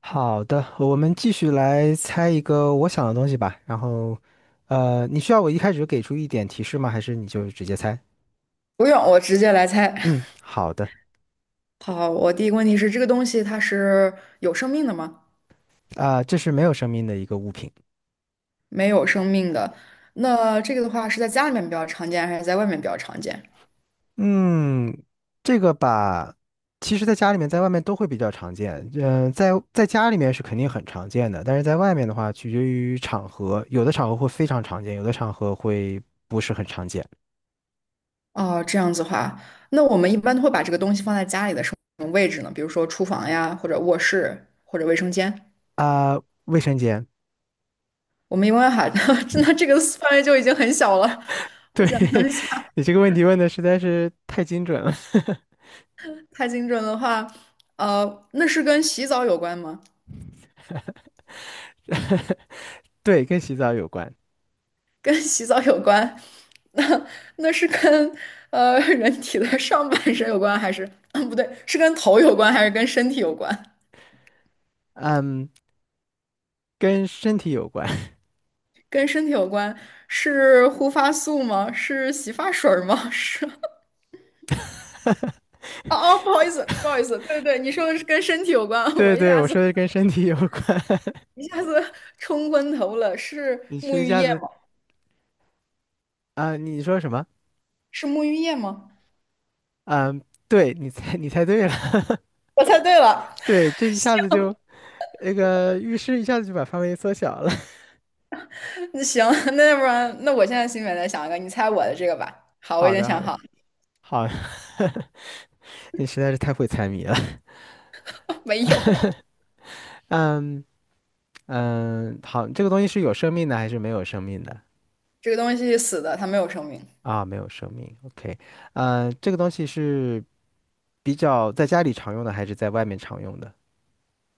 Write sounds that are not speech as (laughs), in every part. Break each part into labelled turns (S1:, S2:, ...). S1: 好的，我们继续来猜一个我想的东西吧。然后，你需要我一开始给出一点提示吗？还是你就直接猜？
S2: 不用，我直接来猜。
S1: 嗯，好的。
S2: 好，我第一个问题是，这个东西它是有生命的吗？
S1: 啊、这是没有生命的一个物品。
S2: 没有生命的。那这个的话是在家里面比较常见，还是在外面比较常见？
S1: 嗯，这个吧，其实在家里面，在外面都会比较常见。嗯、在家里面是肯定很常见的，但是在外面的话，取决于场合，有的场合会非常常见，有的场合会不是很常见。
S2: 哦，这样子的话，那我们一般都会把这个东西放在家里的什么位置呢？比如说厨房呀，或者卧室，或者卫生间。
S1: 啊、卫生间。
S2: 我们一般喊，(laughs) 那这个范围就已经很小了。
S1: 对，
S2: 我想象
S1: (laughs)
S2: 一下，
S1: 你这个问题问的实在是太精准了。(laughs)
S2: 太精准的话，那是跟洗澡有关吗？
S1: 对，跟洗澡有关，
S2: 跟洗澡有关，那那是跟人体的上半身有关，还是，嗯，不对，是跟头有关，还是跟身体有关？
S1: 嗯，跟身体有关。(laughs)
S2: 跟身体有关，是护发素吗？是洗发水儿吗？(laughs) 是，哦哦，不好意思，不好意思，对对，你说的是跟身体有关，我
S1: 对
S2: 一
S1: 对，
S2: 下
S1: 我
S2: 子
S1: 说的是跟身体有关。(laughs)
S2: 一下子冲昏头了，是
S1: 你
S2: 沐
S1: 是一
S2: 浴
S1: 下
S2: 液
S1: 子
S2: 吗？
S1: 啊、你说什么？
S2: 是沐浴液吗？
S1: 嗯，对，你猜对了。(laughs)
S2: 我猜对了，
S1: 对，这一下子就那个浴室一下子就把范围缩小了。
S2: 那行，那要不然，那我现在心里面再想一个，你猜我的这个吧。
S1: (laughs)
S2: 好，我已
S1: 好
S2: 经
S1: 的，好
S2: 想
S1: 的，
S2: 好了
S1: 好的，(laughs) 你实在是太会猜谜了。
S2: (laughs) 没有。
S1: (laughs) 嗯嗯，好，这个东西是有生命的还是没有生命的？
S2: 这个东西死的，它没有生命。
S1: 啊，没有生命。OK，嗯，这个东西是比较在家里常用的还是在外面常用的？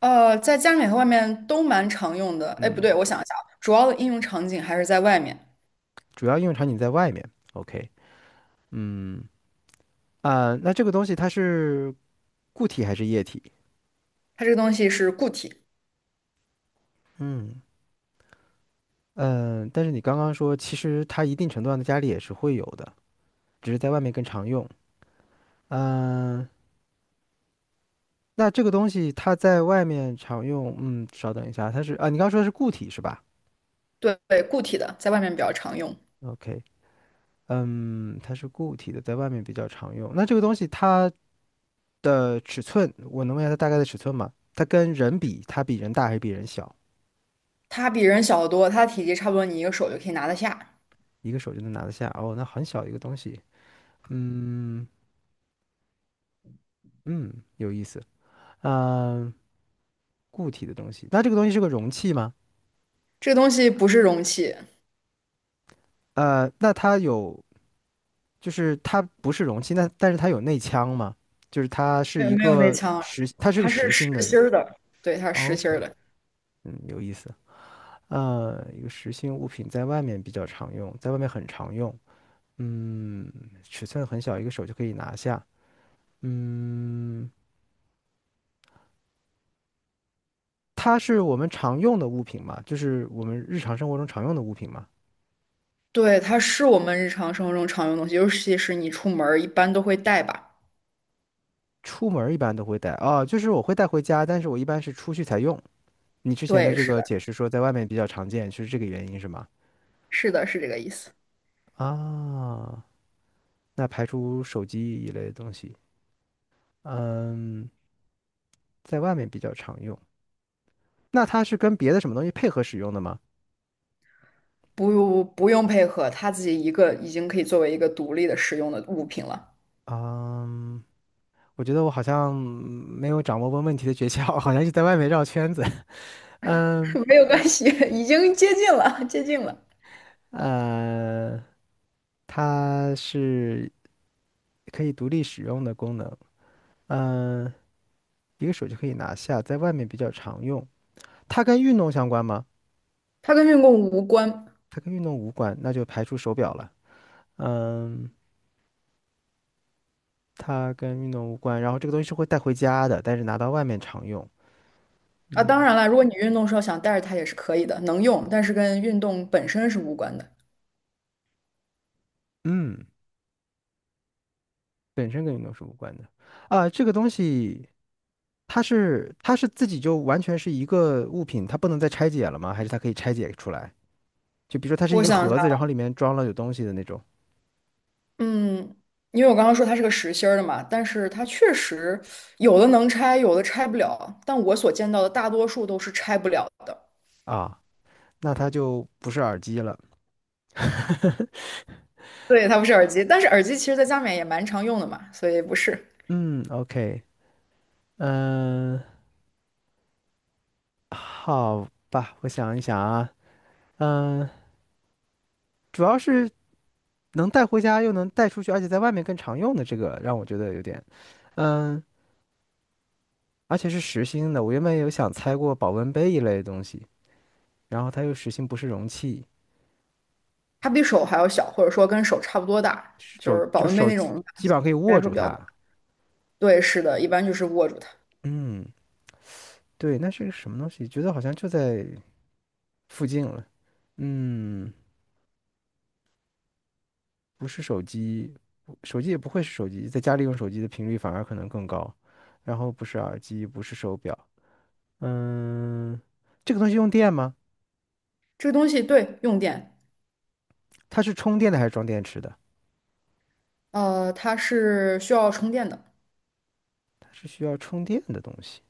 S2: 在家里面和外面都蛮常用的。哎，不
S1: 嗯，
S2: 对，我想一下啊主要的应用场景还是在外面。
S1: 主要应用场景在外面。OK，嗯那这个东西它是固体还是液体？
S2: 它这个东西是固体，
S1: 嗯嗯，但是你刚刚说，其实它一定程度上的家里也是会有的，只是在外面更常用。嗯，那这个东西它在外面常用，嗯，稍等一下，它是啊，你刚刚说的是固体是吧
S2: 对，对固体的，在外面比较常用。
S1: ？OK，嗯，它是固体的，在外面比较常用。那这个东西它的尺寸，我能问一下它大概的尺寸吗？它跟人比，它比人大还是比人小？
S2: 它比人小得多，它的体积差不多你一个手就可以拿得下。
S1: 一个手就能拿得下哦，那很小一个东西。嗯嗯，有意思。嗯、固体的东西，那这个东西是个容器吗？
S2: 这个东西不是容器，
S1: 那它有，就是它不是容器，那但是它有内腔吗？就是
S2: 没有没有内腔啊，
S1: 它是个
S2: 它是
S1: 实
S2: 实
S1: 心的，是吗
S2: 心儿的。对，它是
S1: 哦
S2: 实心
S1: ？OK，
S2: 儿的。
S1: 嗯，有意思。一个实心物品在外面比较常用，在外面很常用。嗯，尺寸很小，一个手就可以拿下。嗯，它是我们常用的物品嘛，就是我们日常生活中常用的物品嘛。
S2: 对，它是我们日常生活中常用的东西，尤其是你出门儿一般都会带吧。
S1: 出门儿一般都会带啊，就是我会带回家，但是我一般是出去才用。你之前的
S2: 对，
S1: 这
S2: 是
S1: 个解
S2: 的，
S1: 释说在外面比较常见，是这个原因是吗？
S2: 是的，是这个意思。
S1: 啊，那排除手机一类的东西，嗯，在外面比较常用。那它是跟别的什么东西配合使用的吗？
S2: 不用配合，它自己一个已经可以作为一个独立的使用的物品了，
S1: 嗯，我觉得我好像没有掌握问问题的诀窍，好像就在外面绕圈子。(laughs) 嗯，
S2: (laughs) 没有关系，已经接近了，接近了，
S1: 呃。它是可以独立使用的功能，嗯，一个手就可以拿下，在外面比较常用。它跟运动相关吗？
S2: 它跟运动无关
S1: 它跟运动无关，那就排除手表了。嗯，它跟运动无关，然后这个东西是会带回家的，但是拿到外面常用。
S2: 啊。当
S1: 嗯
S2: 然了，如果你运动时候想带着它也是可以的，能用，但是跟运动本身是无关的。
S1: 嗯，本身跟运动是无关的。啊，这个东西它是自己就完全是一个物品，它不能再拆解了吗？还是它可以拆解出来？就比如说它是一
S2: 我
S1: 个
S2: 想一下，
S1: 盒子，然后里面装了有东西的那种
S2: 嗯，因为我刚刚说它是个实心儿的嘛，但是它确实有的能拆，有的拆不了，但我所见到的大多数都是拆不了的。
S1: 啊。那它就不是耳机了。
S2: 对，它不是耳机，但是耳机其实在家里面也蛮常用的嘛，所以不是。
S1: 嗯，OK，嗯，好吧，我想一想啊，嗯，主要是能带回家又能带出去，而且在外面更常用的这个，让我觉得有点，嗯，而且是实心的。我原本有想猜过保温杯一类的东西，然后它又实心不是容器，
S2: 它比手还要小，或者说跟手差不多大，就
S1: 手
S2: 是保
S1: 就
S2: 温杯
S1: 手
S2: 那种
S1: 基本上可以握
S2: 来说
S1: 住
S2: 比较大。
S1: 它。
S2: 对，是的，一般就是握住它。
S1: 嗯，对，那是个什么东西？觉得好像就在附近了。嗯。不是手机，手机也不会是手机，在家里用手机的频率反而可能更高。然后不是耳机，不是手表，嗯，这个东西用电吗？
S2: 这个东西对用电，
S1: 它是充电的还是装电池的？
S2: 它是需要充电的，
S1: 它是需要充电的东西。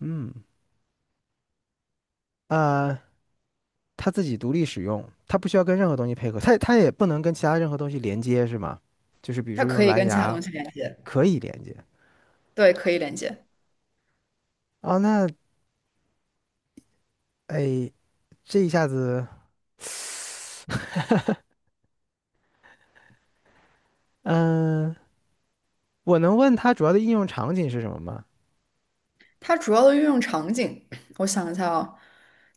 S1: 嗯，啊、它自己独立使用，它不需要跟任何东西配合，它也不能跟其他任何东西连接，是吗？就是比如
S2: 它
S1: 说
S2: 可
S1: 用
S2: 以
S1: 蓝
S2: 跟其他
S1: 牙
S2: 东西连接，
S1: 可以连接。
S2: 对，可以连接。
S1: 哦，那哎，这一下子，(laughs) 嗯、我能问它主要的应用场景是什么吗？
S2: 它主要的运用场景，我想一下啊，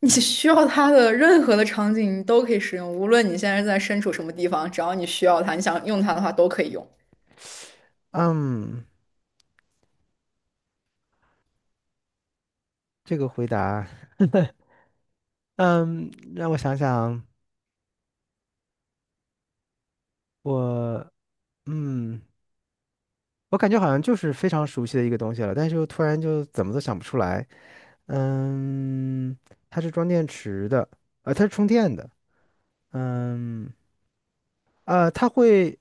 S2: 你 (laughs) 需要它的任何的场景你都可以使用，无论你现在在身处什么地方，只要你需要它，你想用它的话都可以用，
S1: 嗯，这个回答，嗯，让我想想，我，嗯，我感觉好像就是非常熟悉的一个东西了，但是又突然就怎么都想不出来。嗯，它是装电池的，它是充电的。嗯，呃，它会，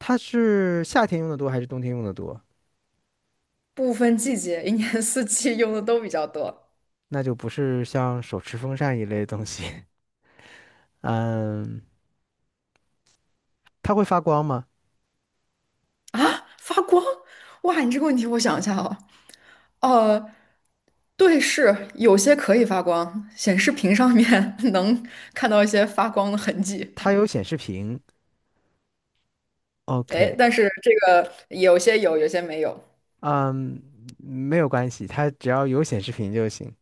S1: 它是夏天用的多还是冬天用的多？
S2: 不分季节，一年四季用的都比较多。
S1: 那就不是像手持风扇一类的东西。(laughs) 嗯，它会发光吗？
S2: 啊，发光？哇，你这个问题我想一下哦。呃，对，是有些可以发光，显示屏上面 (laughs) 能看到一些发光的痕迹。
S1: 它有显示屏。
S2: 哎，
S1: OK，
S2: 但是这个有些有，有些没有。
S1: 嗯，没有关系，它只要有显示屏就行。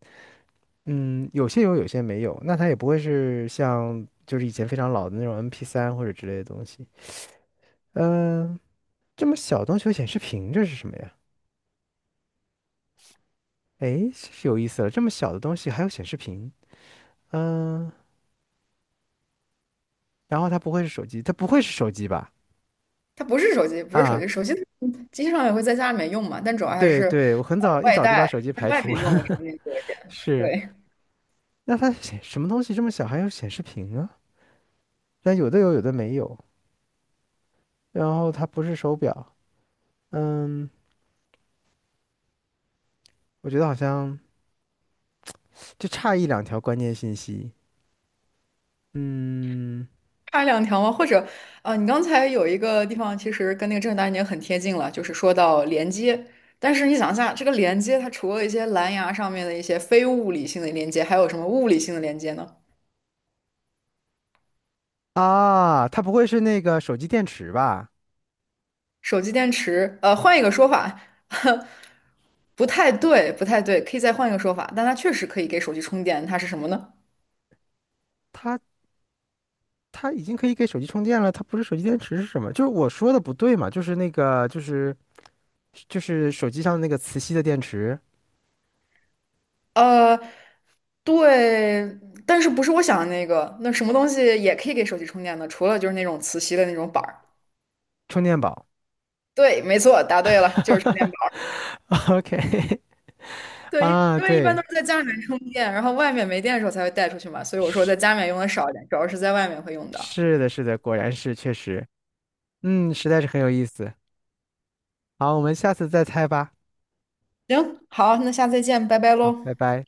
S1: 嗯，有些有，有些没有。那它也不会是像就是以前非常老的那种 MP3 或者之类的东西。嗯、这么小的东西有显示屏，这是什么呀？诶，是有意思了，这么小的东西还有显示屏。嗯、然后它不会是手机，它不会是手机吧？
S2: 它不是手机，不是手
S1: 啊，
S2: 机，手机上也会在家里面用嘛，但主要还
S1: 对
S2: 是
S1: 对，我很早一
S2: 外
S1: 早就把
S2: 带
S1: 手机
S2: 在
S1: 排
S2: 外
S1: 除
S2: 面
S1: 了。
S2: 用的
S1: (laughs)
S2: 场景多一点。
S1: 是，
S2: 对，
S1: 那它显什么东西这么小还有显示屏啊？但有的有，有的没有。然后它不是手表，嗯，我觉得好像就差一两条关键信息。嗯，
S2: 差两条吗？或者，你刚才有一个地方其实跟那个正大已经很贴近了，就是说到连接。但是你想一下，这个连接它除了一些蓝牙上面的一些非物理性的连接，还有什么物理性的连接呢？
S1: 啊，它不会是那个手机电池吧？
S2: 手机电池，换一个说法，(laughs) 不太对，不太对，可以再换一个说法，但它确实可以给手机充电，它是什么呢？
S1: 它它已经可以给手机充电了，它不是手机电池是什么？就是我说的不对嘛，就是那个就是手机上那个磁吸的电池
S2: 呃，对，但是不是我想的那个？那什么东西也可以给手机充电呢？除了就是那种磁吸的那种板儿。
S1: 充电宝。
S2: 对，没错，答对了，就是充电。
S1: (laughs)
S2: 宝。
S1: OK，(laughs)
S2: 对，
S1: 啊，
S2: 因为一般都
S1: 对，
S2: 是在家里面充电，然后外面没电的时候才会带出去嘛，所以我说在
S1: 是
S2: 家里面用的少一点，主要是在外面会用到。
S1: 是的，果然是确实，嗯，实在是很有意思。好，我们下次再猜吧，
S2: 行，好，那下次再见，拜拜喽。
S1: 拜拜。